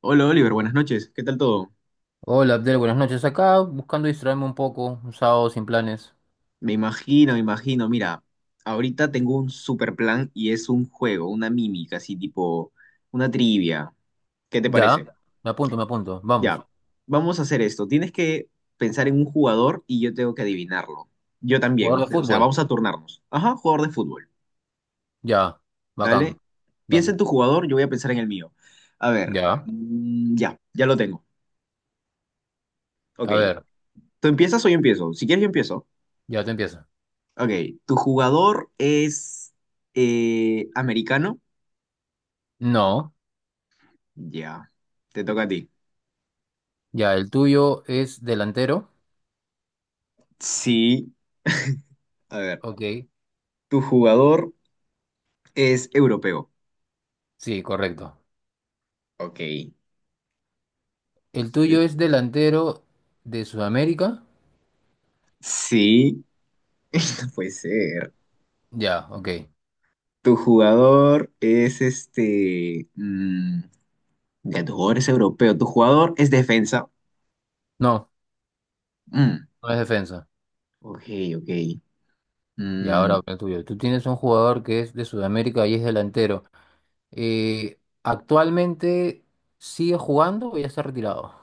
Hola Oliver, buenas noches. ¿Qué tal todo? Hola Abdel, buenas noches. Acá buscando distraerme un poco, un sábado sin planes. Me imagino, me imagino. Mira, ahorita tengo un super plan y es un juego, una mímica, así tipo una trivia. ¿Qué te parece? Ya, me apunto. Vamos. Ya, vamos a hacer esto. Tienes que pensar en un jugador y yo tengo que adivinarlo. Yo también, Jugador de vamos fútbol. a turnarnos. Ajá, jugador de fútbol. Ya, Dale. bacán. Piensa Dale. en tu jugador, yo voy a pensar en el mío. A ver, Ya, ya lo tengo. Ok, a ver, ¿tú empiezas o yo empiezo? Si quieres, yo empiezo. ya te empieza. Ok, ¿tu jugador es americano? No, Ya, te toca a ti. ya, el tuyo es delantero. Sí, a ver, Ok, ¿tu jugador es europeo? sí, correcto. Ok. El te- tuyo es delantero de Sudamérica. Sí, puede ser. Ya, ok. ¿Tu jugador es tu jugador es europeo? ¿Tu jugador es defensa? No, Mm, no es defensa. ok, ok. Y Mm, ahora el tuyo. Tú tienes un jugador que es de Sudamérica y es delantero. Actualmente sigue jugando o ya está retirado.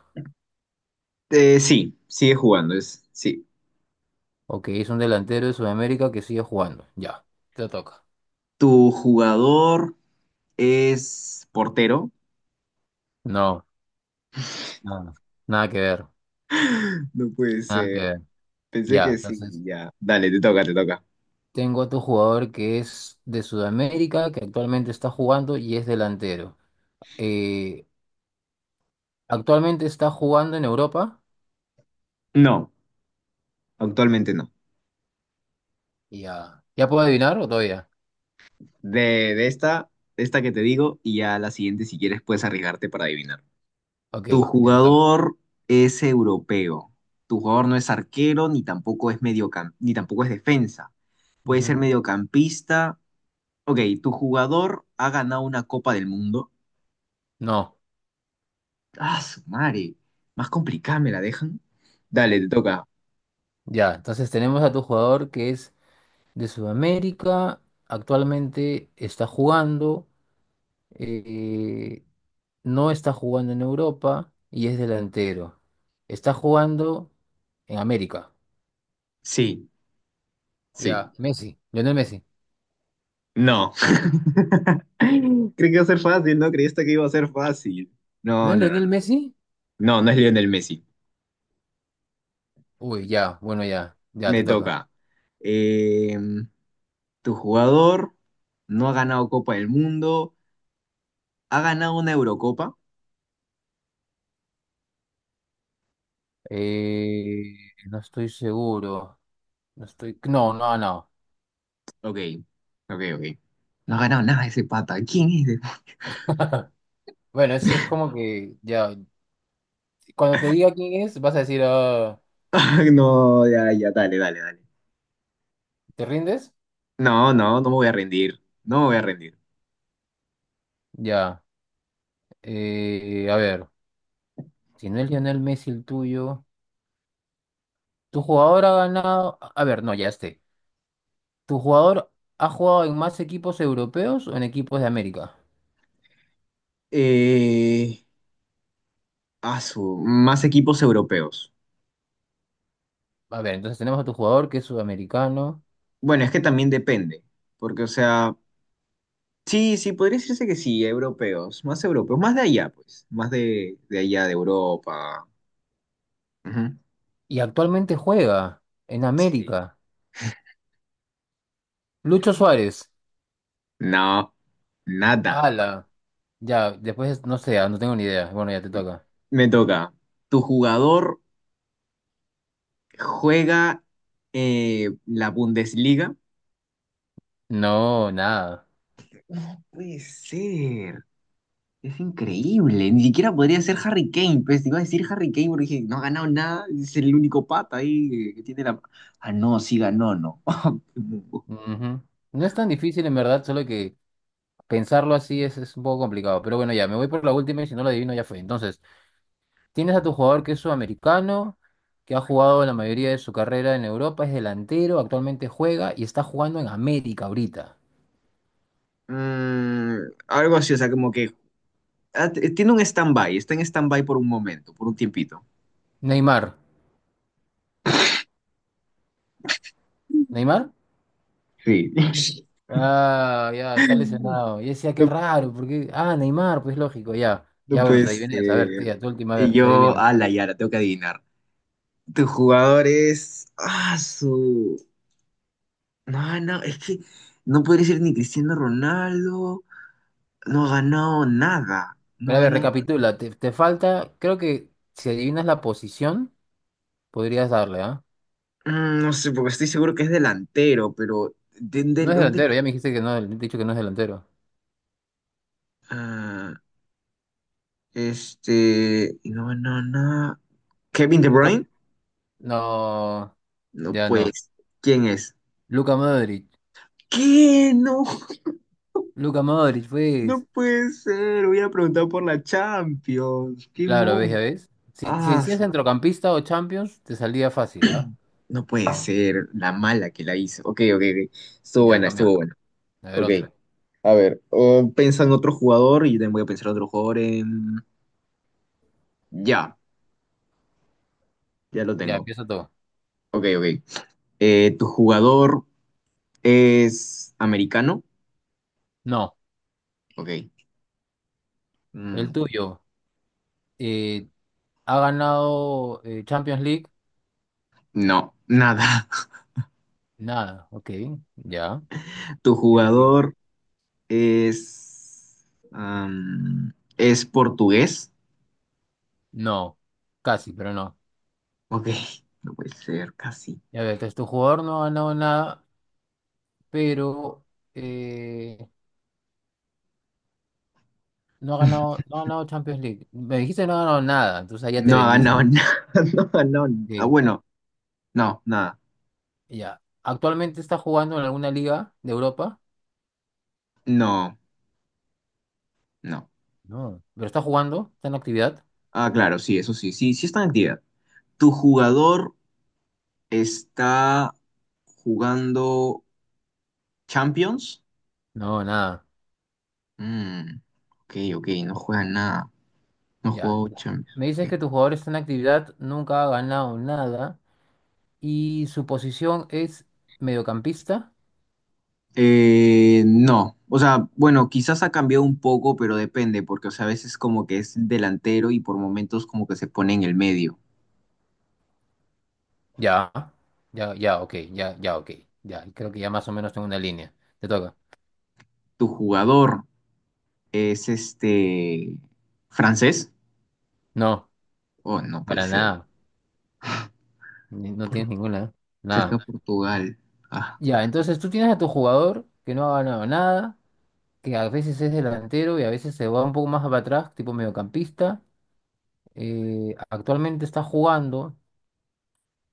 sí, sigue jugando, es... Sí. Ok, es un delantero de Sudamérica que sigue jugando. Ya, te toca. ¿Tu jugador es portero? No, no, nada que ver, No puede nada que ser. ver. Pensé Ya, que sí, entonces ya. Dale, te toca. tengo otro jugador que es de Sudamérica, que actualmente está jugando y es delantero. Eh, actualmente está jugando en Europa. No. Actualmente no. Ya, ¿ya puedo adivinar o todavía? De, de esta, de esta que te digo, y ya la siguiente, si quieres, puedes arriesgarte para adivinar. Ok, Tu ya te toca. jugador es europeo. Tu jugador no es arquero, ni tampoco es ni tampoco es defensa. Puede ser Ujú. mediocampista. Ok, tu jugador ha ganado una Copa del Mundo. No, Ah, su madre. Más complicada me la dejan. Dale, te toca. ya, entonces tenemos a tu jugador que es de Sudamérica. Actualmente está jugando, eh, no está jugando en Europa y es delantero. Está jugando en América. Sí, sí. Ya, Messi, Lionel Messi. No. Creí que iba a ser fácil, ¿no? Creíste que iba a ser fácil. ¿No No, es no, no, Lionel no. Messi? No, no es Lionel Messi. Uy, ya, bueno, ya, ya Me te toca. toca. Eh, tu jugador no ha ganado Copa del Mundo. ¿Ha ganado una Eurocopa? Eh, no estoy seguro. No estoy. No, no, no. Ok, ok, ok. No ha ganado nada ese pata. ¿Quién es ese? Bueno, es como que ya. Cuando te diga quién es, vas a decir, ah, No, ya, ya, dale, dale, dale. ¿te rindes? No, no, no me voy a rendir. No me voy a rendir. Ya. A ver. Si no es Lionel Messi el tuyo, tu jugador ha ganado. A ver, no, ya esté. ¿Tu jugador ha jugado en más equipos europeos o en equipos de América? Eh, a su, más equipos europeos. A ver, entonces tenemos a tu jugador que es sudamericano Bueno, es que también depende. Porque, o sea. Sí, sí, podría decirse que sí, europeos, más de allá, pues, más de allá, de Europa. Ujú. y actualmente juega en Sí. América. Lucho Suárez. No, nada. Ala. Ya, después no sé, ah, no tengo ni idea. Bueno, ya te toca. Me toca. ¿Tu jugador juega la Bundesliga? No, nada. No puede ser. Es increíble. Ni siquiera podría ser Harry Kane. Pues te iba a decir Harry Kane porque dije, no ha ganado nada. Es el único pata ahí que tiene la... Ah, no, sí ganó, no. Ujú. No es tan difícil en verdad, solo que pensarlo así es un poco complicado. Pero bueno, ya, me voy por la última y si no lo adivino ya fue. Entonces. Tienes a tu jugador que es sudamericano, que ha jugado la mayoría de su carrera en Europa, es delantero, actualmente juega y está jugando en América ahorita. Mm, algo así, o sea, como que tiene un stand-by, está en stand-by por un momento, por un tiempito. Neymar. ¿Neymar? Sí. Ah, ya, está lesionado. Y decía, qué No, raro, porque. Ah, Neymar, pues lógico, ya. no Ya, bueno, puede te adivinas. A ver, ser. tía, tu última, a Y ver, se yo, adivinan. a la Yara, tengo que adivinar. Tu jugador es. Ah, su. No, no, es que no podría ser ni Cristiano Ronaldo. No ha ganado nada. No Pero a ha ver, ganado. recapitula, te falta, creo que si adivinas la posición, podrías darle, ¿ah? Mm, no sé, porque estoy seguro que es delantero, pero. No es Dónde? delantero, ya me dijiste que no, he dicho que no es delantero. Ah, este. No, no, no. ¿Kevin De Recap- Bruyne? No, No, ya no. pues. ¿Quién es? Luka Modric. ¿Qué? No, Luka Modric, no pues. puede ser. Voy a preguntar por la Champions. ¿Qué Claro, ves, ya monco? ves. Si, si Ah, decías su- centrocampista o Champions, te salía fácil, ¿ah? no puede ser. La mala que la hizo. Ok, ok, ok. Estuvo Ya, buena, estuvo cambiamos. buena. A ver, Ok. otro. A ver, o piensa en otro jugador y yo también voy a pensar en otro jugador. Ya, ya lo Ya, tengo. empieza todo. Ok, ok. ¿Tu jugador es americano? No, Ok. el Mm, tuyo. eh, ¿Ha ganado Champions League? no, nada. Nada, ok. Ya. ¿Tu Ya creo que- jugador es, es portugués? No, casi, pero no. Ok, no puede ser, casi. Ya ves, entonces tu jugador no ha ganado nada, pero eh, no ha ganado, no ha ganado Champions League. Me dijiste que no ha ganado nada, entonces ahí ya te No ha vendiste. ganado nada. No ha ganado n- Ah, Ok. bueno, no, nada. Ya. ¿Actualmente está jugando en alguna liga de Europa? No, no. No. ¿Pero está jugando? ¿Está en actividad? Ah, claro, sí, eso sí, sí, sí está en actividad. ¿Tu jugador está jugando Champions? No, nada. Mm, ok, ok, no juega nada. No ha Ya. jugado Champions. Me dices Ok. que tu jugador está en actividad, nunca ha ganado nada y su posición es mediocampista. No, o sea, bueno, quizás ha cambiado un poco, pero depende, porque o sea, a veces como que es delantero y por momentos como que se pone en el medio. Ya. Ya, ya, ok, ya, ya, ok. Ya, creo que ya más o menos tengo una línea. Te toca. ¿Tu jugador es este francés? No, Oh, no puede para ser. nada. Ni- No Por, tienes ninguna. cerca Nada. de Portugal. Ah. Ya, entonces tú tienes a tu jugador que no ha ganado nada, que a veces es delantero y a veces se va un poco más para atrás, tipo mediocampista. Actualmente está jugando,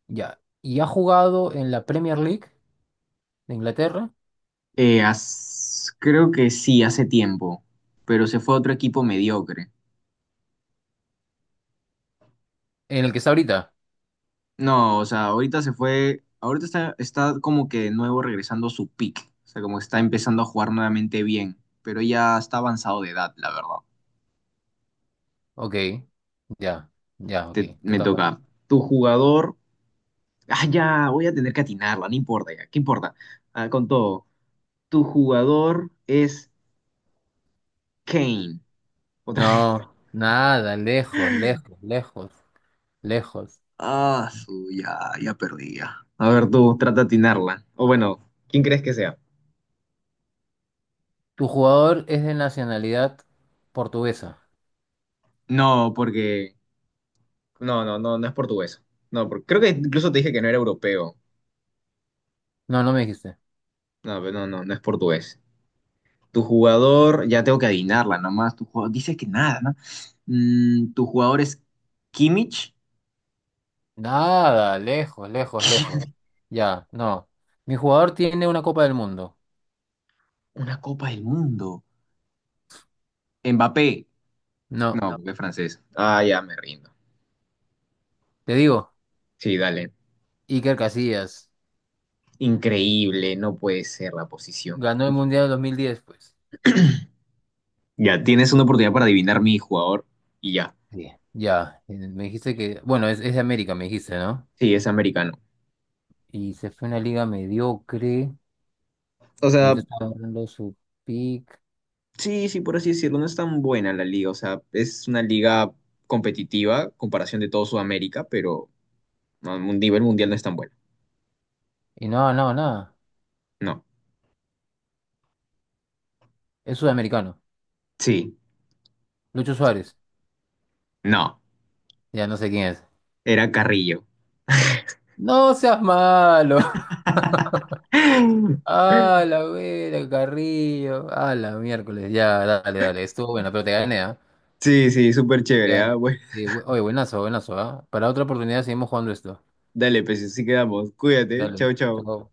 ya, y ha jugado en la Premier League de Inglaterra, Creo que sí, hace tiempo, pero se fue a otro equipo mediocre. en el que está ahorita. No, o sea, ahorita se fue, ahorita está, está como que de nuevo regresando a su peak, o sea, como que está empezando a jugar nuevamente bien, pero ya está avanzado de edad, la verdad. Ok, ya, ya, ok, te Me toca. toca. Tu jugador, ah, ya, voy a tener que atinarla, no importa ya, ¿qué importa? Ah, con todo. Tu jugador es Kane. Otra vez. No, nada, lejos, lejos, lejos, lejos. Ah, su, ya, ya perdí ya. A ver, tú, trata de atinarla. O bueno, ¿quién crees que sea? ¿Tu jugador es de nacionalidad portuguesa? No, porque no, no, no, no es portugués. No, creo que incluso te dije que no era europeo. No, no me dijiste. No, pero no, no, no es portugués. Tu jugador, ya tengo que adivinarla nomás. Tu jugador, dice que nada, ¿no? Mm, tu jugador es Kimmich. Nada, lejos, lejos, lejos. Ya, no. Mi jugador tiene una Copa del Mundo. Una Copa del Mundo. Mbappé. No, No, no, porque es francés. Ah, ya me rindo. te digo, Sí, dale. Iker Casillas Increíble, no puede ser la posición. ganó el Mundial del 2010, pues. Ya, tienes una oportunidad para adivinar mi jugador y ya. Sí. Ya, me dijiste que, bueno, es de América, me dijiste, ¿no? Sí, es americano. Y se fue a una liga mediocre, O y sea, ahorita está dando su pick, sí, sí, por así decirlo, no es tan buena la liga, o sea, es una liga competitiva, comparación de todo Sudamérica, pero no, a un nivel mundial no es tan buena. y no, no, nada, No, es sudamericano, sí, Lucho Suárez, no, ya no sé quién es. era Carrillo. No seas malo. Ah, la vera, Carrillo. Ah, la miércoles. Ya, dale, dale. Estuvo buena, pero te gané, ¿ah? Sí, sí, súper Te chévere, ah, gané. bueno, Sí, bu- Oye, buenazo, buenazo, ¿ah? Para otra oportunidad seguimos jugando esto. dale, pues así quedamos, cuídate, Dale. chao, chao. Chao.